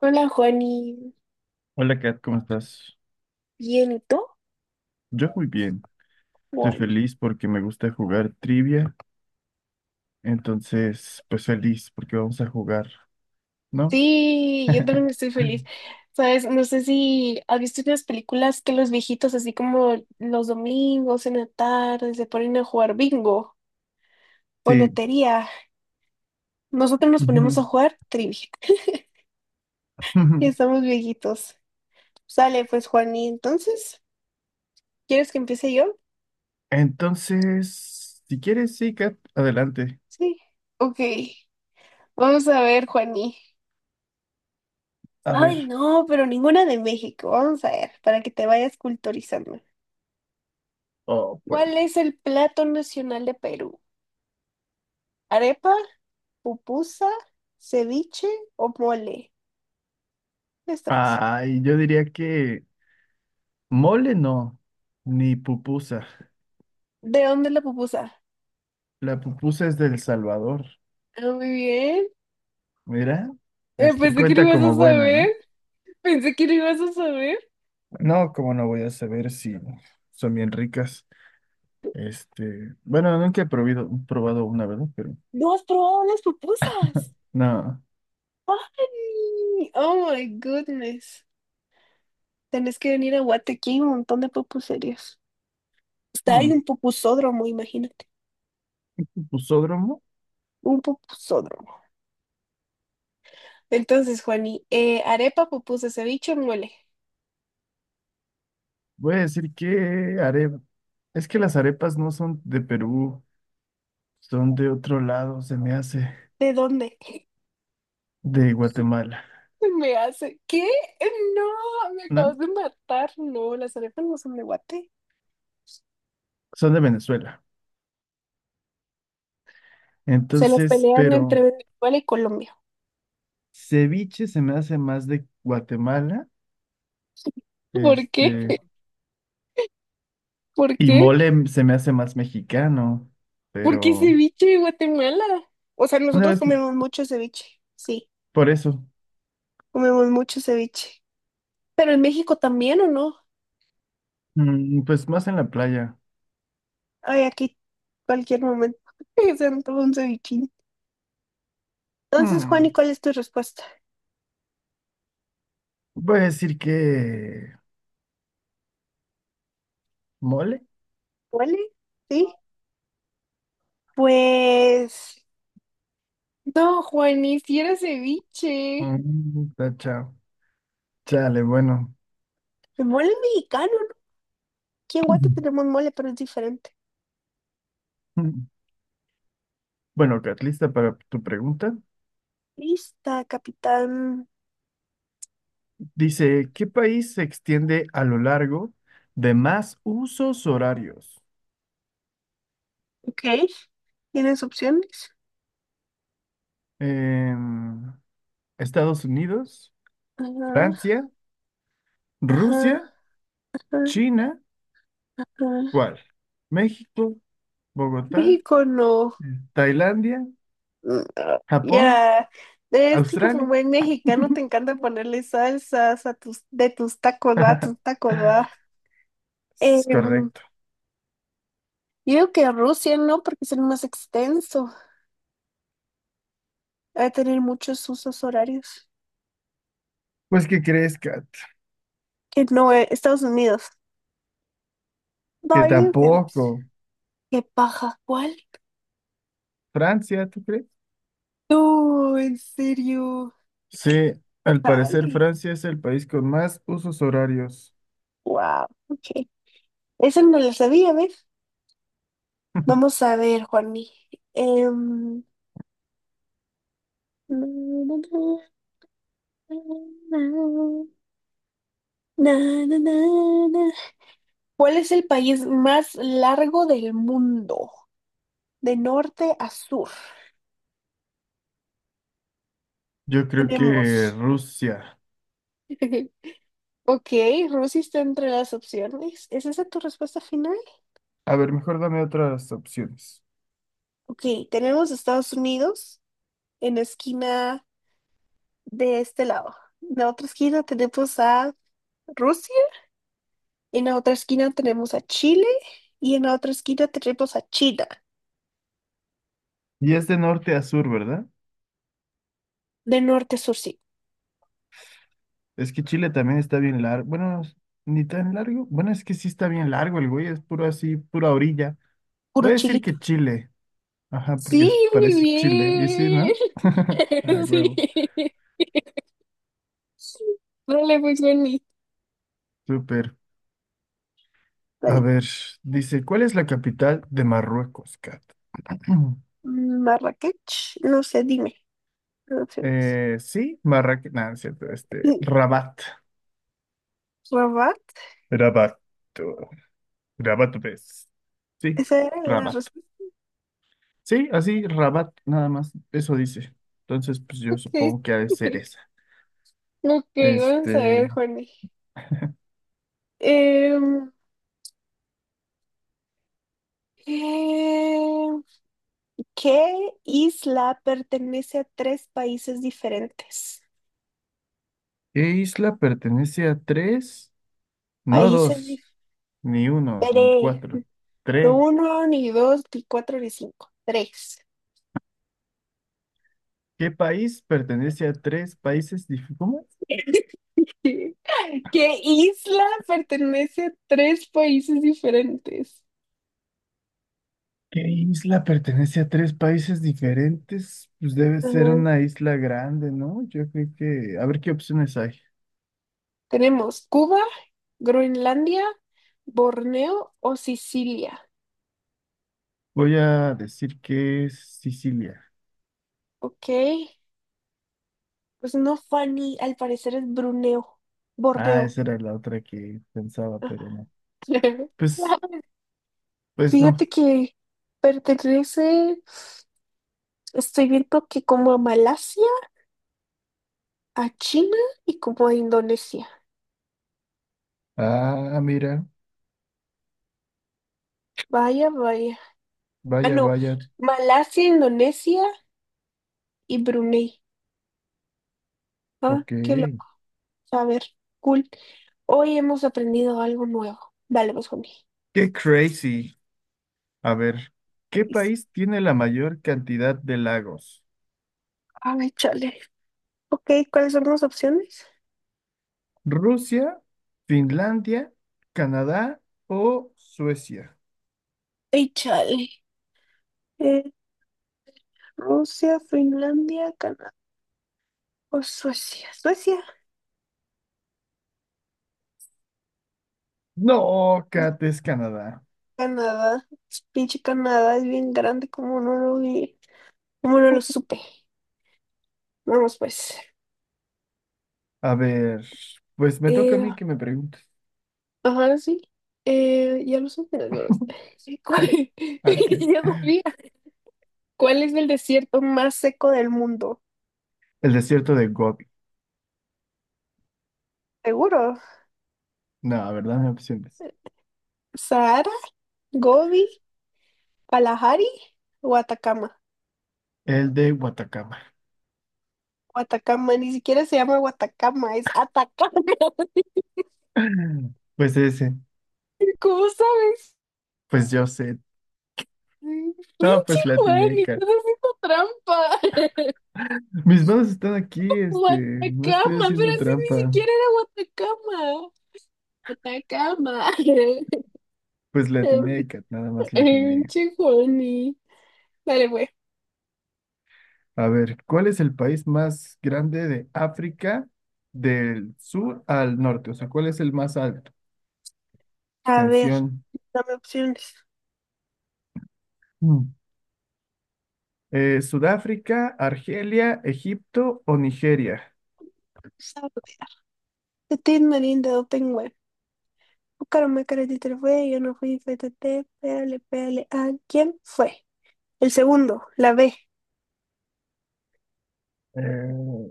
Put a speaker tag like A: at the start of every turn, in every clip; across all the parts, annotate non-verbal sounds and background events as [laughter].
A: Hola, Juani.
B: Hola Kat, ¿cómo estás?
A: Bien, ¿y tú?
B: Yo muy bien. Estoy
A: Juani.
B: feliz porque me gusta jugar trivia. Entonces, pues feliz porque vamos a jugar, ¿no?
A: Sí, yo también
B: [laughs]
A: estoy feliz. Sabes, no sé si has visto unas películas que los viejitos, así como los domingos en la tarde, se ponen a jugar bingo o
B: Sí.
A: lotería. Nosotros nos ponemos a
B: Ujú,
A: jugar trivia. [laughs] Ya
B: ujú.
A: estamos viejitos. Sale, pues, Juani. Entonces, ¿quieres que empiece yo?
B: Entonces, si quieres, sí, Kat, adelante.
A: Sí. Ok. Vamos a ver, Juani.
B: A
A: Ay,
B: ver.
A: no, pero ninguna de México. Vamos a ver, para que te vayas culturizando.
B: Oh, bueno.
A: ¿Cuál es el plato nacional de Perú? ¿Arepa, pupusa, ceviche o mole? Está fácil.
B: Ay, yo diría que mole no, ni pupusa.
A: ¿De dónde es la pupusa?
B: La pupusa es del Salvador.
A: Ah, muy bien.
B: Mira, este
A: Pensé que lo
B: cuenta
A: ibas
B: como
A: a
B: buena, ¿no?
A: saber. Pensé que lo ibas a saber.
B: No, como no voy a saber si son bien ricas. Este, bueno, nunca he probado una, ¿verdad? Pero
A: ¿No has probado las pupusas?
B: nada.
A: ¡Ay! Oh my goodness. Tenés que venir a Guate, aquí hay un montón de pupuserías. Está
B: Hmm.
A: ahí un pupusódromo, imagínate.
B: Pusódromo.
A: Un pupusódromo. Entonces, Juani, arepa, pupusa, ceviche, mole.
B: Voy a decir que arepa. Es que las arepas no son de Perú, son de otro lado, se me hace,
A: ¿De dónde? [laughs]
B: de Guatemala,
A: Me hace, ¿qué? No, me
B: ¿no?
A: acabas de matar. No, las arepas no son de Guate.
B: Son de Venezuela.
A: Se las
B: Entonces,
A: pelean
B: pero
A: entre Venezuela y Colombia.
B: ceviche se me hace más de Guatemala,
A: ¿Por qué?
B: este,
A: ¿Por
B: y
A: qué?
B: mole se me hace más mexicano,
A: ¿Por qué
B: pero
A: ceviche de Guatemala? O sea,
B: una
A: nosotros
B: vez,
A: comemos mucho ceviche. Sí,
B: por eso,
A: comemos mucho ceviche. Pero en México también, ¿o no?
B: pues más en la playa.
A: Ay, aquí, cualquier momento. [laughs] Se antoja un cevichín. Entonces,
B: Hmm.
A: Juani, ¿cuál es tu respuesta?
B: Voy a decir que mole.
A: ¿Huele? ¿Sí? Pues... No, Juani, si era ceviche.
B: Mm, tacha. Chale, bueno.
A: De mole mexicano. Aquí en Guate tenemos
B: [clears throat]
A: mole, pero es diferente.
B: [laughs] Bueno, Kat, lista para tu pregunta.
A: Lista, capitán.
B: Dice, ¿qué país se extiende a lo largo de más usos horarios?
A: Ok. ¿Tienes opciones?
B: Em, Estados Unidos,
A: Ajá,
B: Francia,
A: ajá,
B: Rusia,
A: ajá,
B: China,
A: ajá.
B: ¿cuál? México, Bogotá,
A: México no.
B: Tailandia,
A: Mm, ah,
B: Japón,
A: ya. Es que como
B: Australia.
A: buen mexicano te encanta ponerle salsas a tus, de tus tacos, va, a tus
B: [laughs]
A: tacos, va. Em,
B: Es correcto.
A: yo digo que Rusia no, porque es el más extenso. Va a tener muchos usos horarios.
B: Pues, ¿qué crees, Kat?
A: Que no, Estados Unidos.
B: Que
A: No, yo digo que
B: tampoco.
A: Rusia. Qué paja, ¿cuál?
B: Francia, ¿tú crees?
A: No, en serio.
B: Sí, al parecer
A: Dale.
B: Francia es el país con más usos horarios.
A: Wow. Ok. Esa no la sabía, ¿ves?
B: [laughs]
A: Vamos a ver, Juani. Em, na, na, na, na, na, na, na. ¿Cuál es el país más largo del mundo? De norte a sur.
B: Yo creo
A: Tenemos.
B: que Rusia.
A: [laughs] Ok, Rusia está entre las opciones. ¿Es esa tu respuesta final?
B: A ver, mejor dame otras opciones.
A: Ok, tenemos Estados Unidos en la esquina de este lado. En la otra esquina tenemos a Rusia, en la otra esquina tenemos a Chile y en la otra esquina tenemos a China.
B: ¿Y es de norte a sur, verdad?
A: De norte a sur, sí.
B: Es que Chile también está bien largo. Bueno, ni tan largo. Bueno, es que sí está bien largo el güey, es puro así, pura orilla.
A: Puro
B: Voy a decir
A: chilito.
B: que Chile. Ajá, porque
A: Sí, muy
B: parece Chile. ¿Y sí,
A: bien.
B: no? [laughs] Ah, huevo.
A: [laughs] Sí. Vale, pues vení.
B: Súper. A
A: Vale.
B: ver, dice, ¿cuál es la capital de Marruecos, Kat? [clears throat]
A: Marrakech, no sé, dime. No sé.
B: Sí, Marrakech, no, no es cierto, este,
A: Sí.
B: Rabat,
A: Rabat,
B: Rabat, Rabat, ves. Sí,
A: esa era la
B: Rabat.
A: respuesta.
B: Sí, así, Rabat, nada más, eso dice. Entonces, pues yo
A: Sí.
B: supongo que ha de ser
A: [laughs]
B: esa.
A: Ok, vamos a ver,
B: Este,
A: Juani. Em, em, ¿qué isla pertenece a tres países diferentes?
B: ¿qué isla pertenece a tres? No
A: Países
B: dos, ni uno, ni
A: diferentes.
B: cuatro, tres.
A: Uno, ni dos, ni cuatro, ni cinco. Tres.
B: ¿Qué país pertenece a tres países? ¿Cómo?
A: [laughs] ¿Qué isla pertenece a tres países diferentes?
B: ¿Qué isla pertenece a tres países diferentes? Pues debe ser
A: Ajá.
B: una isla grande, ¿no? Yo creo que... A ver qué opciones hay.
A: Tenemos Cuba, Groenlandia, Borneo o Sicilia.
B: Voy a decir que es Sicilia.
A: Ok. Pues no, Fanny, al parecer es Bruneo.
B: Ah,
A: Borneo.
B: esa era la otra que pensaba, pero no.
A: [laughs]
B: Pues, pues no.
A: Fíjate que pertenece. Estoy viendo que como a Malasia, a China y como a Indonesia.
B: Ah, mira.
A: Vaya, vaya. Ah,
B: Vaya,
A: no.
B: vaya.
A: Malasia, Indonesia y Brunei. Ah,
B: Ok.
A: qué lo. A ver, cool. Hoy hemos aprendido algo nuevo. Dale, vamos conmigo.
B: Qué crazy. A ver, ¿qué país tiene la mayor cantidad de lagos?
A: Ay, chale. Ok, ¿cuáles son las opciones?
B: ¿Rusia, Finlandia, Canadá o Suecia?
A: Ay, chale. Eh, Rusia, Finlandia, Canadá o Suecia. Suecia.
B: No,
A: No,
B: Kat, es Canadá.
A: Canadá. Pinche Canadá es bien grande, como no lo vi. Como no lo supe. Vamos, pues.
B: A ver, pues me toca a
A: Eh,
B: mí que me preguntes.
A: ajá, sí. Ya los emprendedores. [laughs] Sí, ¿cuál?
B: [laughs]
A: [laughs]
B: Ok.
A: Ya sabía. ¿Cuál es el desierto más seco del mundo?
B: El desierto de Gobi.
A: Seguro.
B: No, ¿verdad? No hay opciones.
A: ¿Sahara, Gobi, Kalahari o Atacama?
B: El de Watacama.
A: O Atacama, ni siquiera se llama Guatacama, es Atacama.
B: [laughs] Pues ese.
A: [laughs] ¿Cómo sabes?
B: Pues yo sé.
A: Mm,
B: No,
A: pinche
B: pues la
A: Juan,
B: atiné, Kat.
A: estás haciendo trampa. [laughs]
B: Mis manos están aquí, este. No estoy
A: Guatacama, pero
B: haciendo
A: si ni
B: trampa.
A: siquiera era Guatacama. Atacama. [laughs]
B: Pues la atiné, Kat. Nada más la atiné.
A: Pinche Juani. Dale, pues.
B: A ver, ¿cuál es el país más grande de África del sur al norte? O sea, ¿cuál es el más alto?
A: A ver,
B: Extensión.
A: dame opciones.
B: Mm. Sudáfrica, Argelia, Egipto o Nigeria.
A: Saborear. Petit Melinda Open Web. Buscaronme caretita fue, yo no fui, fétate, pégale, pégale. ¿A quién fue? El segundo, la B.
B: Eh,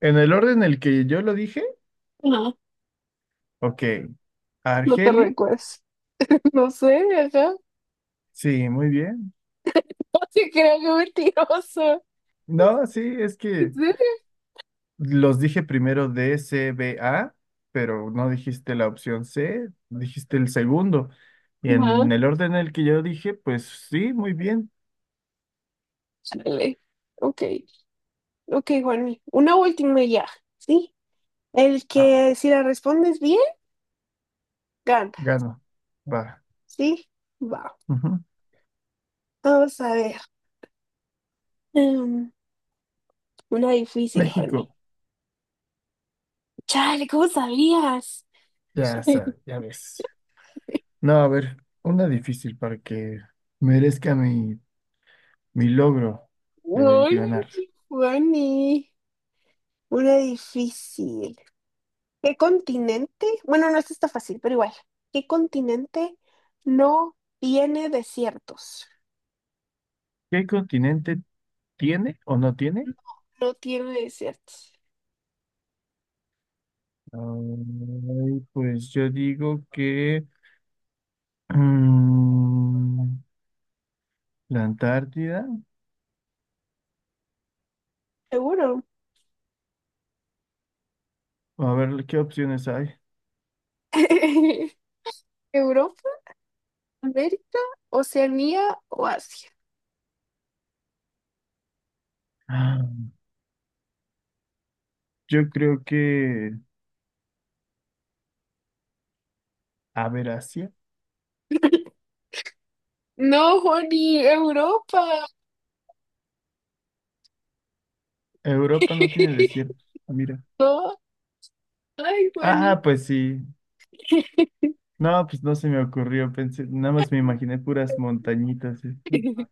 B: en el orden en el que yo lo dije,
A: No,
B: ok.
A: no te
B: Argelia,
A: recuerdas. No sé, ajá. [laughs]
B: sí, muy bien.
A: No te creo que mentiroso. [laughs]
B: No, sí, es
A: ¿En
B: que
A: serio?
B: los dije primero D, C, B, A, pero no dijiste la opción C, dijiste el segundo. Y en
A: Ajá.
B: el orden en el que yo dije, pues sí, muy bien.
A: Dale. Ok, ok, Juanmi. Una última ya, ¿sí? El
B: Ah,
A: que si la respondes bien, gana,
B: gano. Va.
A: ¿sí? Va.
B: Ujú.
A: Vamos a ver. Em, una difícil, Juanmi.
B: México,
A: Chale, ¿cómo sabías?
B: ya sabes,
A: [laughs]
B: ya ves. No, a ver, una difícil para que merezca mi mi logro de
A: Uy,
B: ganar.
A: Giovanni, una difícil. ¿Qué continente? Bueno, no esta está fácil, pero igual. ¿Qué continente no tiene desiertos?
B: ¿Qué continente tiene o no tiene?
A: No, no tiene desiertos.
B: Ay, pues yo digo que mm, la Antártida.
A: Seguro.
B: A ver, ¿qué opciones hay?
A: [laughs] ¿Europa, América, Oceanía o Asia?
B: Ah, yo creo que, a ver, Asia.
A: No, Juani, Europa.
B: Europa no tiene
A: [laughs]
B: desiertos. Ah, mira.
A: No, ay, Juani.
B: Ah, pues sí. No, pues no se me ocurrió. Pensé, nada más me imaginé puras montañitas, este,
A: [laughs]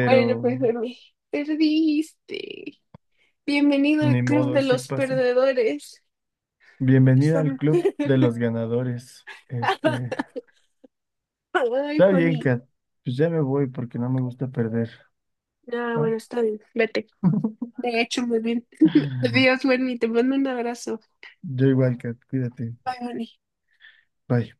A: Bueno, pues, Juani, perdiste. Bienvenido al
B: ni
A: Club
B: modo,
A: de
B: así
A: los
B: pasa.
A: Perdedores.
B: Bienvenida al
A: Son-
B: club de los ganadores. Este,
A: [laughs] Ay,
B: está bien,
A: Juani.
B: Kat. Pues ya me voy porque no me gusta perder.
A: Ah,
B: ¿Va?
A: bueno, está bien. Vete.
B: [laughs]
A: Te he hecho muy bien. Adiós, Wendy. Te mando un abrazo.
B: Yo igual, Kat. Cuídate.
A: Bye, Juani.
B: Bye.